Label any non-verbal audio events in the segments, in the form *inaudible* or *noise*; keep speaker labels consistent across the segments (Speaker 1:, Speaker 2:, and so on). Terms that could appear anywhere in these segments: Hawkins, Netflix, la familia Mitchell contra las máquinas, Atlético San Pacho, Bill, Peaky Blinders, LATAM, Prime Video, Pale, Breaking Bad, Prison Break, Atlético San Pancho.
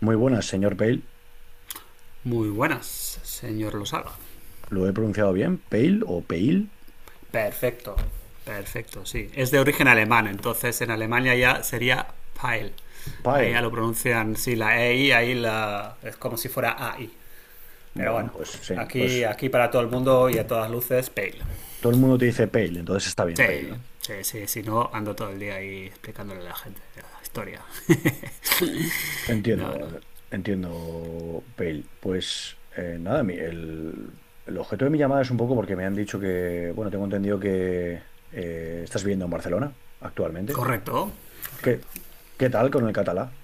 Speaker 1: Muy buenas, señor Pale.
Speaker 2: Muy buenas, señor Losaga.
Speaker 1: ¿Lo he pronunciado bien? ¿Pale o Pale?
Speaker 2: Perfecto, perfecto, sí. Es de origen alemán, entonces en Alemania ya sería Pile. Ahí
Speaker 1: Pale.
Speaker 2: ya lo pronuncian, sí, la e EI, ahí la, es como si fuera a AI. Pero
Speaker 1: Bueno,
Speaker 2: bueno,
Speaker 1: pues sí,
Speaker 2: aquí,
Speaker 1: pues
Speaker 2: aquí para todo el mundo y a todas luces, Pale.
Speaker 1: todo el mundo te dice Pale, entonces está bien
Speaker 2: Sí,
Speaker 1: Pale, ¿no?
Speaker 2: sí, sí, si no, ando todo el día ahí explicándole a la gente la historia. *laughs* No, no.
Speaker 1: Entiendo, eh, Entiendo, Pale. Pues nada, el objeto de mi llamada es un poco porque me han dicho que, bueno, tengo entendido que estás viviendo en Barcelona actualmente.
Speaker 2: Correcto, correcto.
Speaker 1: ¿Qué, ¿qué tal con el catalá?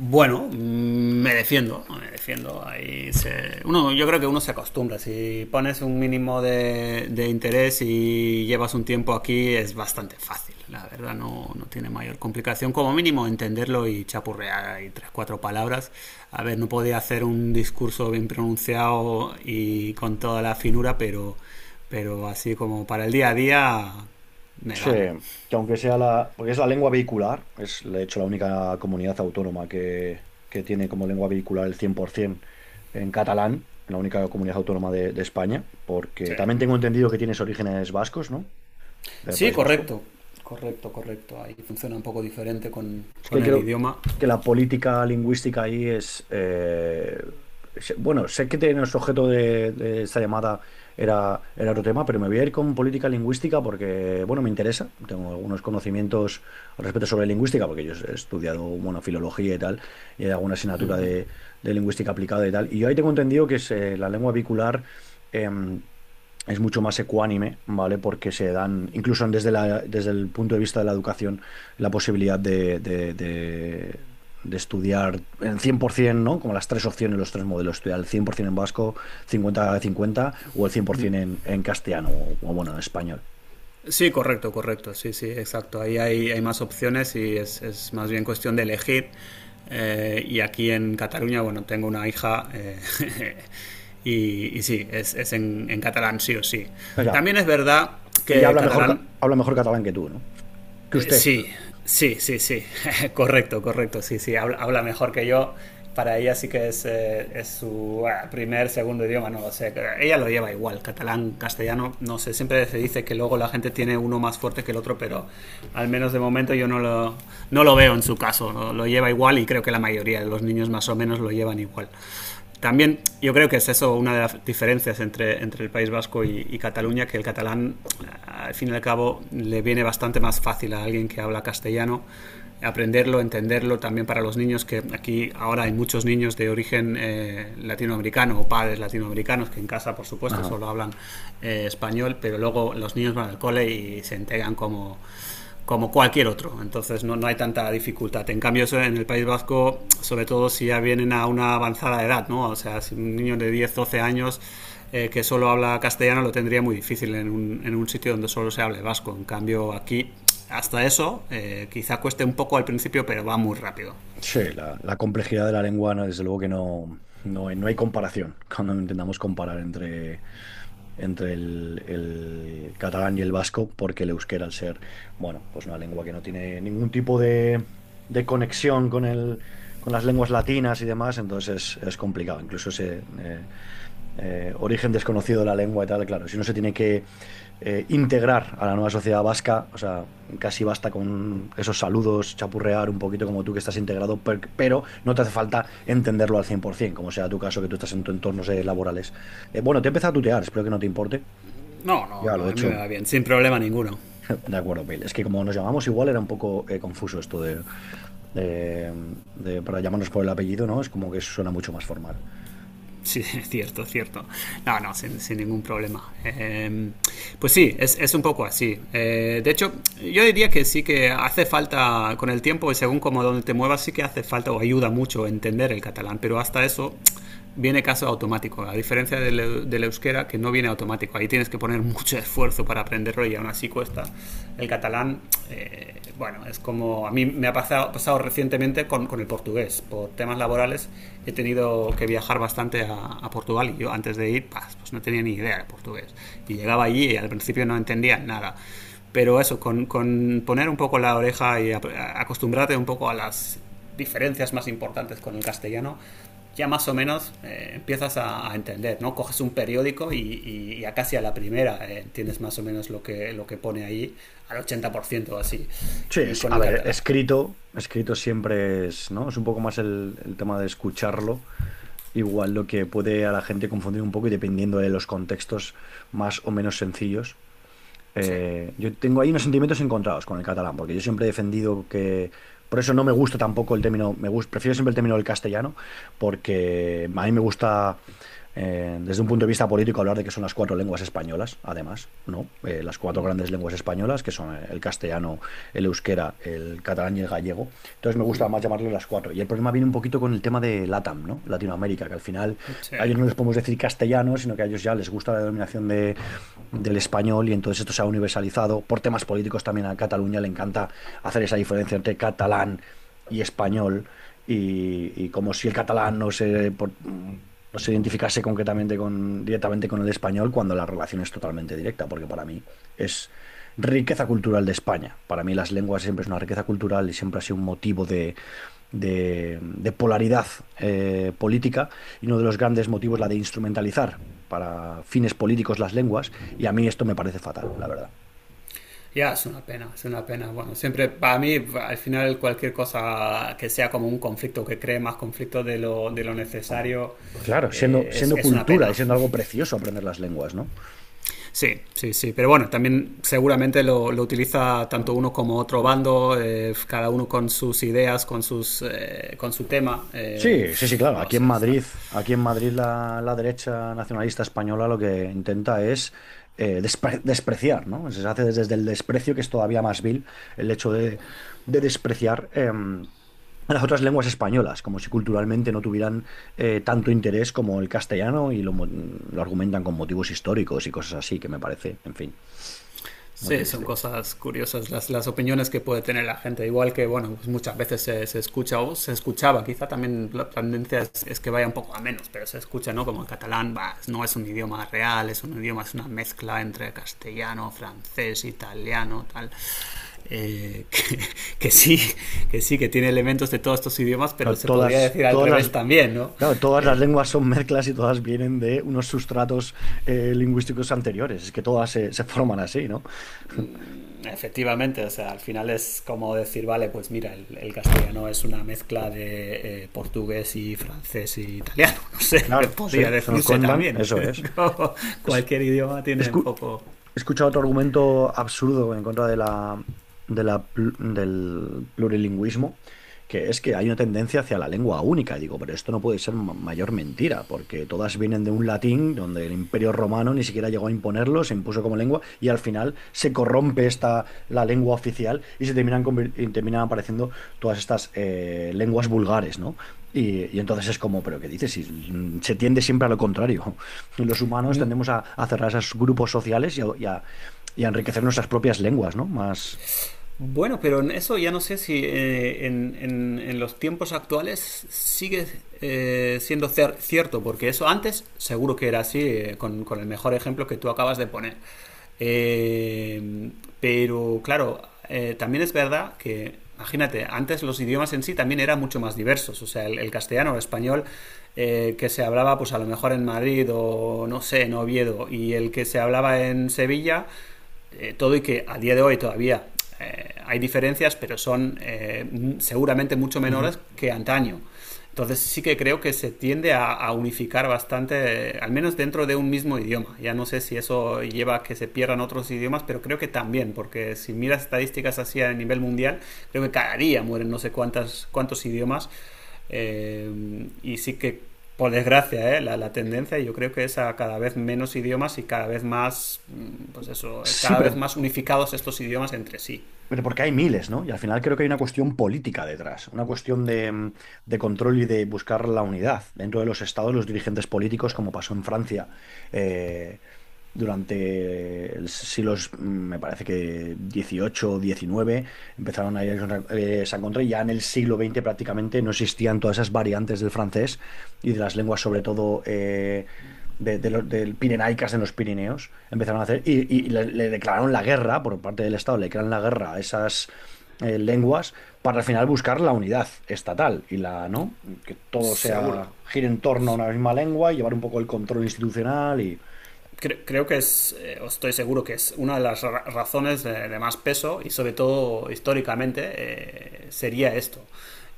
Speaker 2: Bueno, me defiendo, me defiendo. Ahí uno, yo creo que uno se acostumbra. Si pones un mínimo de interés y llevas un tiempo aquí, es bastante fácil. La verdad, no, no tiene mayor complicación. Como mínimo, entenderlo y chapurrear ahí tres, cuatro palabras. A ver, no podía hacer un discurso bien pronunciado y con toda la finura, pero así como para el día a día, me
Speaker 1: Sí,
Speaker 2: vale.
Speaker 1: que aunque sea porque es la lengua vehicular, es de hecho la única comunidad autónoma que tiene como lengua vehicular el 100% en catalán, la única comunidad autónoma de España, porque
Speaker 2: Sí.
Speaker 1: también tengo entendido que tienes orígenes vascos, ¿no? Del
Speaker 2: Sí,
Speaker 1: País Vasco.
Speaker 2: correcto. Correcto, correcto. Ahí funciona un poco diferente
Speaker 1: Es que
Speaker 2: con el
Speaker 1: creo
Speaker 2: idioma.
Speaker 1: que la política lingüística ahí es... bueno, sé que tiene el objeto de esta llamada era otro tema, pero me voy a ir con política lingüística porque, bueno, me interesa. Tengo algunos conocimientos al respecto sobre lingüística, porque yo he estudiado, bueno, filología y tal, y hay alguna asignatura de lingüística aplicada y tal. Y yo ahí tengo entendido que es, la lengua bicular... em, es mucho más ecuánime, ¿vale? Porque se dan, incluso desde desde el punto de vista de la educación la posibilidad de estudiar en 100%, ¿no? Como las tres opciones, los tres modelos, estudiar el 100% en vasco, 50 cincuenta o el 100% en castellano bueno, en español.
Speaker 2: Sí, correcto, correcto. Sí, sí, exacto. Ahí hay, hay más opciones y es más bien cuestión de elegir. Y aquí en Cataluña, bueno, tengo una hija *laughs* y, sí, es en, catalán sí o sí.
Speaker 1: O sea,
Speaker 2: También es verdad
Speaker 1: ella
Speaker 2: que el
Speaker 1: habla mejor,
Speaker 2: catalán.
Speaker 1: habla mejor catalán que tú, ¿no? Que
Speaker 2: Eh,
Speaker 1: usted.
Speaker 2: Sí, sí, sí, sí. *laughs* Correcto, correcto. Sí, sí. Habla, habla mejor que yo. Para ella sí que es su primer, segundo idioma, no lo sé. Ella lo lleva igual, catalán, castellano, no sé. Siempre se dice que luego la gente tiene uno más fuerte que el otro, pero al menos de momento yo no no lo veo en su caso, ¿no? Lo lleva igual y creo que la mayoría de los niños más o menos lo llevan igual. También yo creo que es eso una de las diferencias entre, entre el País Vasco y Cataluña, que el catalán, al fin y al cabo, le viene bastante más fácil a alguien que habla castellano aprenderlo, entenderlo también para los niños, que aquí ahora hay muchos niños de origen latinoamericano o padres latinoamericanos que en casa, por supuesto,
Speaker 1: Ajá.
Speaker 2: solo hablan español, pero luego los niños van al cole y se entregan como como cualquier otro. Entonces no, no hay tanta dificultad. En cambio, eso en el País Vasco, sobre todo si ya vienen a una avanzada edad, ¿no? O sea, si un niño de 10 12 años que solo habla castellano lo tendría muy difícil en un sitio donde solo se hable vasco. En cambio, aquí, hasta eso, quizá cueste un poco al principio, pero va muy rápido.
Speaker 1: Sí, la complejidad de la lengua, no, desde luego que no hay comparación cuando intentamos comparar entre entre el catalán y el vasco, porque el euskera, al ser, bueno, pues una lengua que no tiene ningún tipo de conexión con con las lenguas latinas y demás, entonces es complicado. Incluso se, origen desconocido de la lengua y tal, claro, si uno se tiene que integrar a la nueva sociedad vasca, o sea, casi basta con esos saludos, chapurrear un poquito como tú que estás integrado, pero no te hace falta entenderlo al 100%, como sea tu caso, que tú estás en tu entornos laborales. Bueno, te he empezado a tutear, espero que no te importe.
Speaker 2: No, no,
Speaker 1: Ya lo
Speaker 2: no,
Speaker 1: he
Speaker 2: a mí me
Speaker 1: hecho.
Speaker 2: va bien, sin problema ninguno.
Speaker 1: De acuerdo, Bill. Es que como nos llamamos igual era un poco confuso esto de, de- para llamarnos por el apellido, ¿no? Es como que suena mucho más formal.
Speaker 2: *laughs* Sí, es cierto, es cierto. No, no, sin, sin ningún problema. Pues sí, es, un poco así. De hecho, yo diría que sí que hace falta, con el tiempo y según como donde te muevas, sí que hace falta o ayuda mucho entender el catalán, pero hasta eso viene caso automático, a diferencia del, del euskera que no viene automático. Ahí tienes que poner mucho esfuerzo para aprenderlo y aún así cuesta. El catalán, bueno, es como a mí me ha pasado, pasado recientemente con el portugués, por temas laborales he tenido que viajar bastante a Portugal y yo antes de ir pues, pues no tenía ni idea de portugués y llegaba allí y al principio no entendía nada, pero eso con poner un poco la oreja y a acostumbrarte un poco a las diferencias más importantes con el castellano ya más o menos empiezas a, entender, ¿no? Coges un periódico y a casi a la primera entiendes más o menos lo que pone ahí, al 80% así.
Speaker 1: Sí,
Speaker 2: Y con
Speaker 1: a
Speaker 2: el
Speaker 1: ver,
Speaker 2: catalán...
Speaker 1: escrito, escrito siempre es, ¿no? Es un poco más el tema de escucharlo. Igual lo que puede a la gente confundir un poco y dependiendo de los contextos más o menos sencillos.
Speaker 2: Sí.
Speaker 1: Yo tengo ahí unos sentimientos encontrados con el catalán, porque yo siempre he defendido que. Por eso no me gusta tampoco el término. Prefiero siempre el término del castellano, porque a mí me gusta, desde un punto de vista político, hablar de que son las cuatro lenguas españolas, además, ¿no? Las cuatro grandes lenguas españolas, que son el castellano, el euskera, el catalán y el gallego. Entonces me gusta más llamarlo las cuatro. Y el problema viene un poquito con el tema de LATAM, ¿no? Latinoamérica, que al final
Speaker 2: Sí.
Speaker 1: a ellos no les podemos decir castellano, sino que a ellos ya les gusta la denominación de del español y entonces esto se ha universalizado. Por temas políticos también a Cataluña le encanta hacer esa diferencia entre catalán y español y como si el catalán no se, no se identificase concretamente con, directamente con el español cuando la relación es totalmente directa, porque para mí es riqueza cultural de España. Para mí las lenguas siempre es una riqueza cultural y siempre ha sido un motivo de, de polaridad política y uno de los grandes motivos la de instrumentalizar para fines políticos las lenguas y a mí esto me parece fatal, la verdad.
Speaker 2: Ya, es una pena, es una pena. Bueno, siempre para mí, al final, cualquier cosa que sea como un conflicto, que cree más conflicto de lo necesario,
Speaker 1: Claro, siendo, siendo
Speaker 2: es, una
Speaker 1: cultura y
Speaker 2: pena.
Speaker 1: siendo algo precioso aprender las lenguas, ¿no?
Speaker 2: Sí, sí, sí. Pero bueno, también seguramente lo utiliza tanto uno como otro bando, cada uno con sus ideas, con, sus, con su tema.
Speaker 1: Sí, sí, sí, claro.
Speaker 2: No sé, está,
Speaker 1: Aquí en Madrid la derecha nacionalista española lo que intenta es despreciar, ¿no? Se hace desde desde el desprecio, que es todavía más vil, el hecho de despreciar a las otras lenguas españolas, como si culturalmente no tuvieran tanto interés como el castellano y lo, lo argumentan con motivos históricos y cosas así, que me parece, en fin, muy
Speaker 2: Sí, son
Speaker 1: triste.
Speaker 2: cosas curiosas las opiniones que puede tener la gente. Igual que, bueno, pues muchas veces se, se escucha o se escuchaba, quizá también la tendencia es que vaya un poco a menos, pero se escucha, ¿no? Como el catalán bah, no es un idioma real, es un idioma, es una mezcla entre castellano, francés, italiano, tal. Eh, *laughs* que, que, sí, que sí, que tiene elementos de todos estos idiomas, pero
Speaker 1: Claro,
Speaker 2: se podría decir al revés también, ¿no?
Speaker 1: Claro, todas las
Speaker 2: Eh,
Speaker 1: lenguas son mezclas y todas vienen de unos sustratos lingüísticos anteriores. Es que todas se, se forman así, ¿no?
Speaker 2: Efectivamente, o sea, al final es como decir, vale, pues mira, el castellano es una mezcla de portugués y francés y italiano, *laughs* no sé, que
Speaker 1: Claro, sí,
Speaker 2: podría
Speaker 1: se nos
Speaker 2: decirse
Speaker 1: cuentan,
Speaker 2: también. *laughs*
Speaker 1: eso
Speaker 2: Es
Speaker 1: es.
Speaker 2: como
Speaker 1: Es-
Speaker 2: cualquier idioma tiene un
Speaker 1: escu-
Speaker 2: poco...
Speaker 1: he escuchado otro argumento absurdo en contra de de la del plurilingüismo, que es que hay una tendencia hacia la lengua única. Digo, pero esto no puede ser mayor mentira, porque todas vienen de un latín donde el Imperio Romano ni siquiera llegó a imponerlo, se impuso como lengua y al final se corrompe esta la lengua oficial y se terminan terminan apareciendo todas estas lenguas vulgares, ¿no? Y entonces es como, pero ¿qué dices? Si, se tiende siempre a lo contrario. *laughs* Los humanos tendemos a cerrar esos grupos sociales y a enriquecer nuestras propias lenguas, ¿no? Más,
Speaker 2: Bueno, pero en eso ya no sé si en los tiempos actuales sigue siendo cierto, porque eso antes seguro que era así, con el mejor ejemplo que tú acabas de poner. Eh, pero claro, también es verdad que, imagínate, antes los idiomas en sí también eran mucho más diversos, o sea, el castellano o el español que se hablaba pues a lo mejor en Madrid o no sé, en Oviedo, y el que se hablaba en Sevilla todo y que a día de hoy todavía hay diferencias, pero son seguramente mucho
Speaker 1: Ujú.
Speaker 2: menores que antaño. Entonces sí que creo que se tiende a unificar bastante, al menos dentro de un mismo idioma. Ya no sé si eso lleva a que se pierdan otros idiomas, pero creo que también, porque si miras estadísticas así a nivel mundial, creo que cada día mueren no sé cuántas, cuántos idiomas, y sí que, por desgracia, ¿eh? La, tendencia yo creo que es a cada vez menos idiomas y cada vez más, pues eso,
Speaker 1: Sí,
Speaker 2: cada vez
Speaker 1: pero
Speaker 2: más unificados estos idiomas entre sí.
Speaker 1: Pero porque hay miles, ¿no? Y al final creo que hay una cuestión política detrás, una cuestión de, de control y de buscar la unidad dentro de los estados, los dirigentes políticos, como pasó en Francia eh, durante el siglos, me parece que 18 o 19 empezaron a irse se encontró y ya en el siglo XX prácticamente no existían todas esas variantes del francés y de las lenguas, sobre todo. De los, del Pirenaicas en los Pirineos, empezaron a hacer, le declararon la guerra, por parte del Estado, le declararon la guerra a esas lenguas, para al final buscar la unidad estatal y la, ¿no? Que todo
Speaker 2: Seguro.
Speaker 1: sea, gire en torno a una misma lengua y llevar un poco el control institucional y,
Speaker 2: Creo que es, estoy seguro que es una de las razones de más peso y sobre todo históricamente sería esto.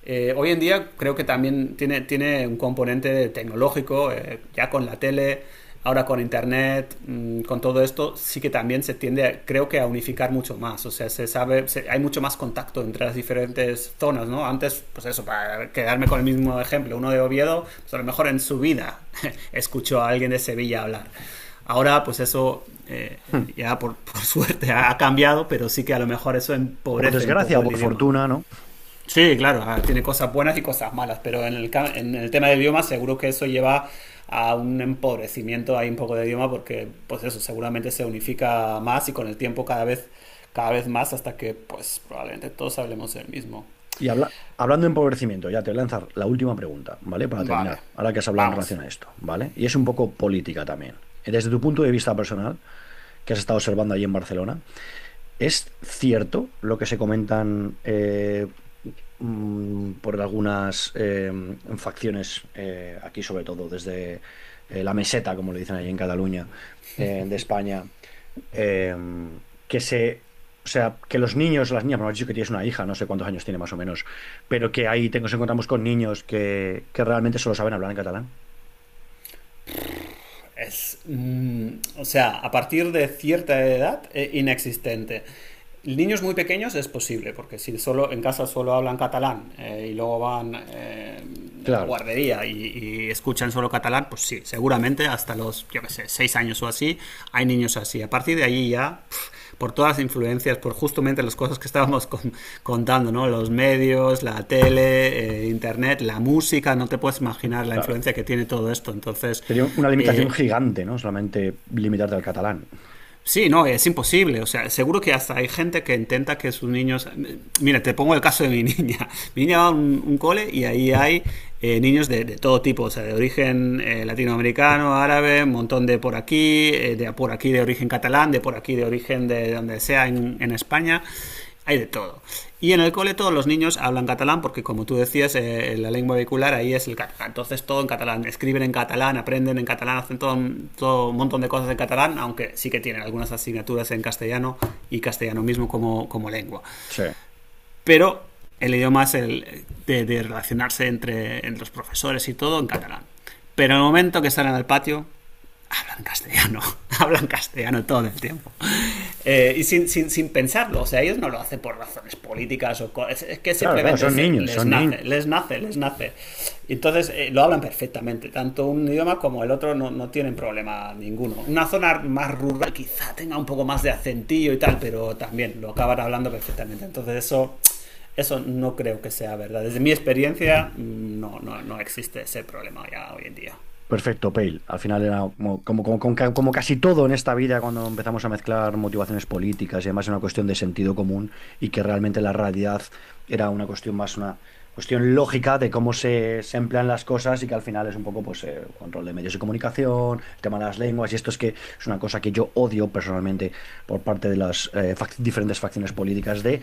Speaker 2: Hoy en día creo que también tiene, tiene un componente tecnológico, ya con la tele, ahora con internet, con todo esto, sí que también se tiende, creo que, a unificar mucho más. O sea, se sabe, hay mucho más contacto entre las diferentes zonas, ¿no? Antes, pues eso, para quedarme con el mismo ejemplo, uno de Oviedo, pues a lo mejor en su vida *laughs* escuchó a alguien de Sevilla hablar. Ahora, pues eso ya por, *laughs* por, suerte ha cambiado, pero sí que a lo mejor eso
Speaker 1: por
Speaker 2: empobrece un
Speaker 1: desgracia o
Speaker 2: poco el
Speaker 1: por
Speaker 2: idioma.
Speaker 1: fortuna, ¿no?
Speaker 2: Sí, claro, ah, tiene cosas buenas y cosas malas, pero en el tema del idioma seguro que eso lleva a un empobrecimiento ahí un poco de idioma porque pues eso seguramente se unifica más y con el tiempo cada vez más hasta que pues probablemente todos hablemos el mismo.
Speaker 1: Y hablando de empobrecimiento, ya te voy a lanzar la última pregunta, ¿vale? Para terminar,
Speaker 2: Vale,
Speaker 1: ahora que has hablado en
Speaker 2: vamos.
Speaker 1: relación a esto, ¿vale? Y es un poco política también. Desde tu punto de vista personal, que has estado observando allí en Barcelona, ¿es cierto lo que se comentan por algunas facciones, aquí sobre todo, desde la meseta, como le dicen allí en Cataluña, de España? eh, que se, o sea, que los niños, las niñas, bueno, has dicho que tienes una hija, no sé cuántos años tiene más o menos, pero que ahí nos encontramos con niños que realmente solo saben hablar en catalán.
Speaker 2: Es, o sea, a partir de cierta edad, inexistente. Niños muy pequeños es posible, porque si solo en casa solo hablan catalán y luego van a la
Speaker 1: Claro,
Speaker 2: guardería y, escuchan solo catalán, pues sí, seguramente hasta los, yo qué sé, seis años o así, hay niños así. A partir de ahí ya, pff, por todas las influencias, por justamente las cosas que estábamos contando, ¿no? Los medios, la tele, internet, la música, no te puedes imaginar la
Speaker 1: claro.
Speaker 2: influencia que tiene todo esto. Entonces,
Speaker 1: Sería una limitación
Speaker 2: eh,
Speaker 1: gigante, ¿no? Solamente limitarte al catalán.
Speaker 2: sí, no, es imposible. O sea, seguro que hasta hay gente que intenta que sus niños. Mira, te pongo el caso de mi *laughs* niña. Mi niña va a un cole y ahí hay niños de, todo tipo, o sea, de origen latinoamericano, árabe, un montón de por aquí, de por aquí de origen catalán, de por aquí de origen de donde sea en España hay de todo. Y en el cole todos los niños hablan catalán porque, como tú decías, la lengua vehicular ahí es el catalán. Entonces todo en catalán, escriben en catalán, aprenden en catalán, hacen todo, todo un montón de cosas en catalán, aunque sí que tienen algunas asignaturas en castellano y castellano mismo como, como lengua.
Speaker 1: Sí.
Speaker 2: Pero el idioma es el de relacionarse entre, entre los profesores y todo en catalán. Pero en el momento que salen al patio, hablan castellano, *laughs* hablan castellano todo el tiempo. Y sin, sin, sin, pensarlo, o sea, ellos no lo hacen por razones políticas o es que
Speaker 1: Claro, claro,
Speaker 2: simplemente
Speaker 1: son niños,
Speaker 2: les
Speaker 1: son
Speaker 2: nace,
Speaker 1: niños.
Speaker 2: les nace, les nace. Entonces lo hablan perfectamente, tanto un idioma como el otro no, no, tienen problema ninguno. Una zona más rural quizá tenga un poco más de acentillo y tal, pero también lo acaban hablando perfectamente. Entonces eso no creo que sea verdad. Desde mi experiencia no, no, no existe ese problema ya hoy en día.
Speaker 1: Perfecto, Pale. Al final era como, como casi todo en esta vida cuando empezamos a mezclar motivaciones políticas y además era una cuestión de sentido común y que realmente la realidad era una cuestión más, una cuestión lógica de cómo se, se emplean las cosas y que al final es un poco pues control de medios de comunicación, el tema de las lenguas y esto es que es una cosa que yo odio personalmente por parte de las diferentes facciones políticas de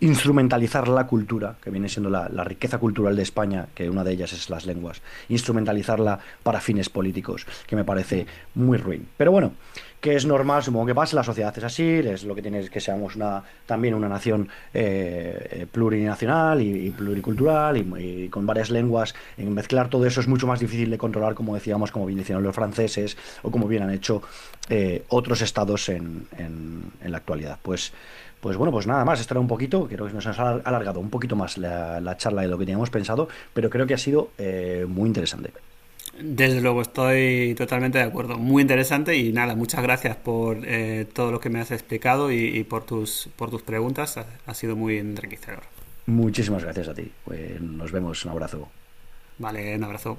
Speaker 1: instrumentalizar la cultura, que viene siendo la la riqueza cultural de España España, que una de ellas es las lenguas, instrumentalizarla para fines políticos, que me parece muy ruin. Pero bueno, que es normal, supongo que pasa, la sociedad es así, es lo que tiene es que seamos una, también una nación plurinacional y pluricultural y con varias lenguas. En mezclar todo eso es mucho más difícil de controlar, como decíamos, como bien decían los franceses o como bien han hecho otros estados en, en la actualidad. Pues, pues bueno, pues nada más, esto era un poquito, creo que nos ha alargado un poquito más la charla de lo que teníamos pensado, pero creo que ha sido muy interesante.
Speaker 2: Desde luego, estoy totalmente de acuerdo. Muy interesante y nada, muchas gracias por todo lo que me has explicado y por tus preguntas. Ha, ha sido muy enriquecedor.
Speaker 1: Muchísimas gracias a ti. Nos vemos. Un abrazo.
Speaker 2: Vale, un abrazo.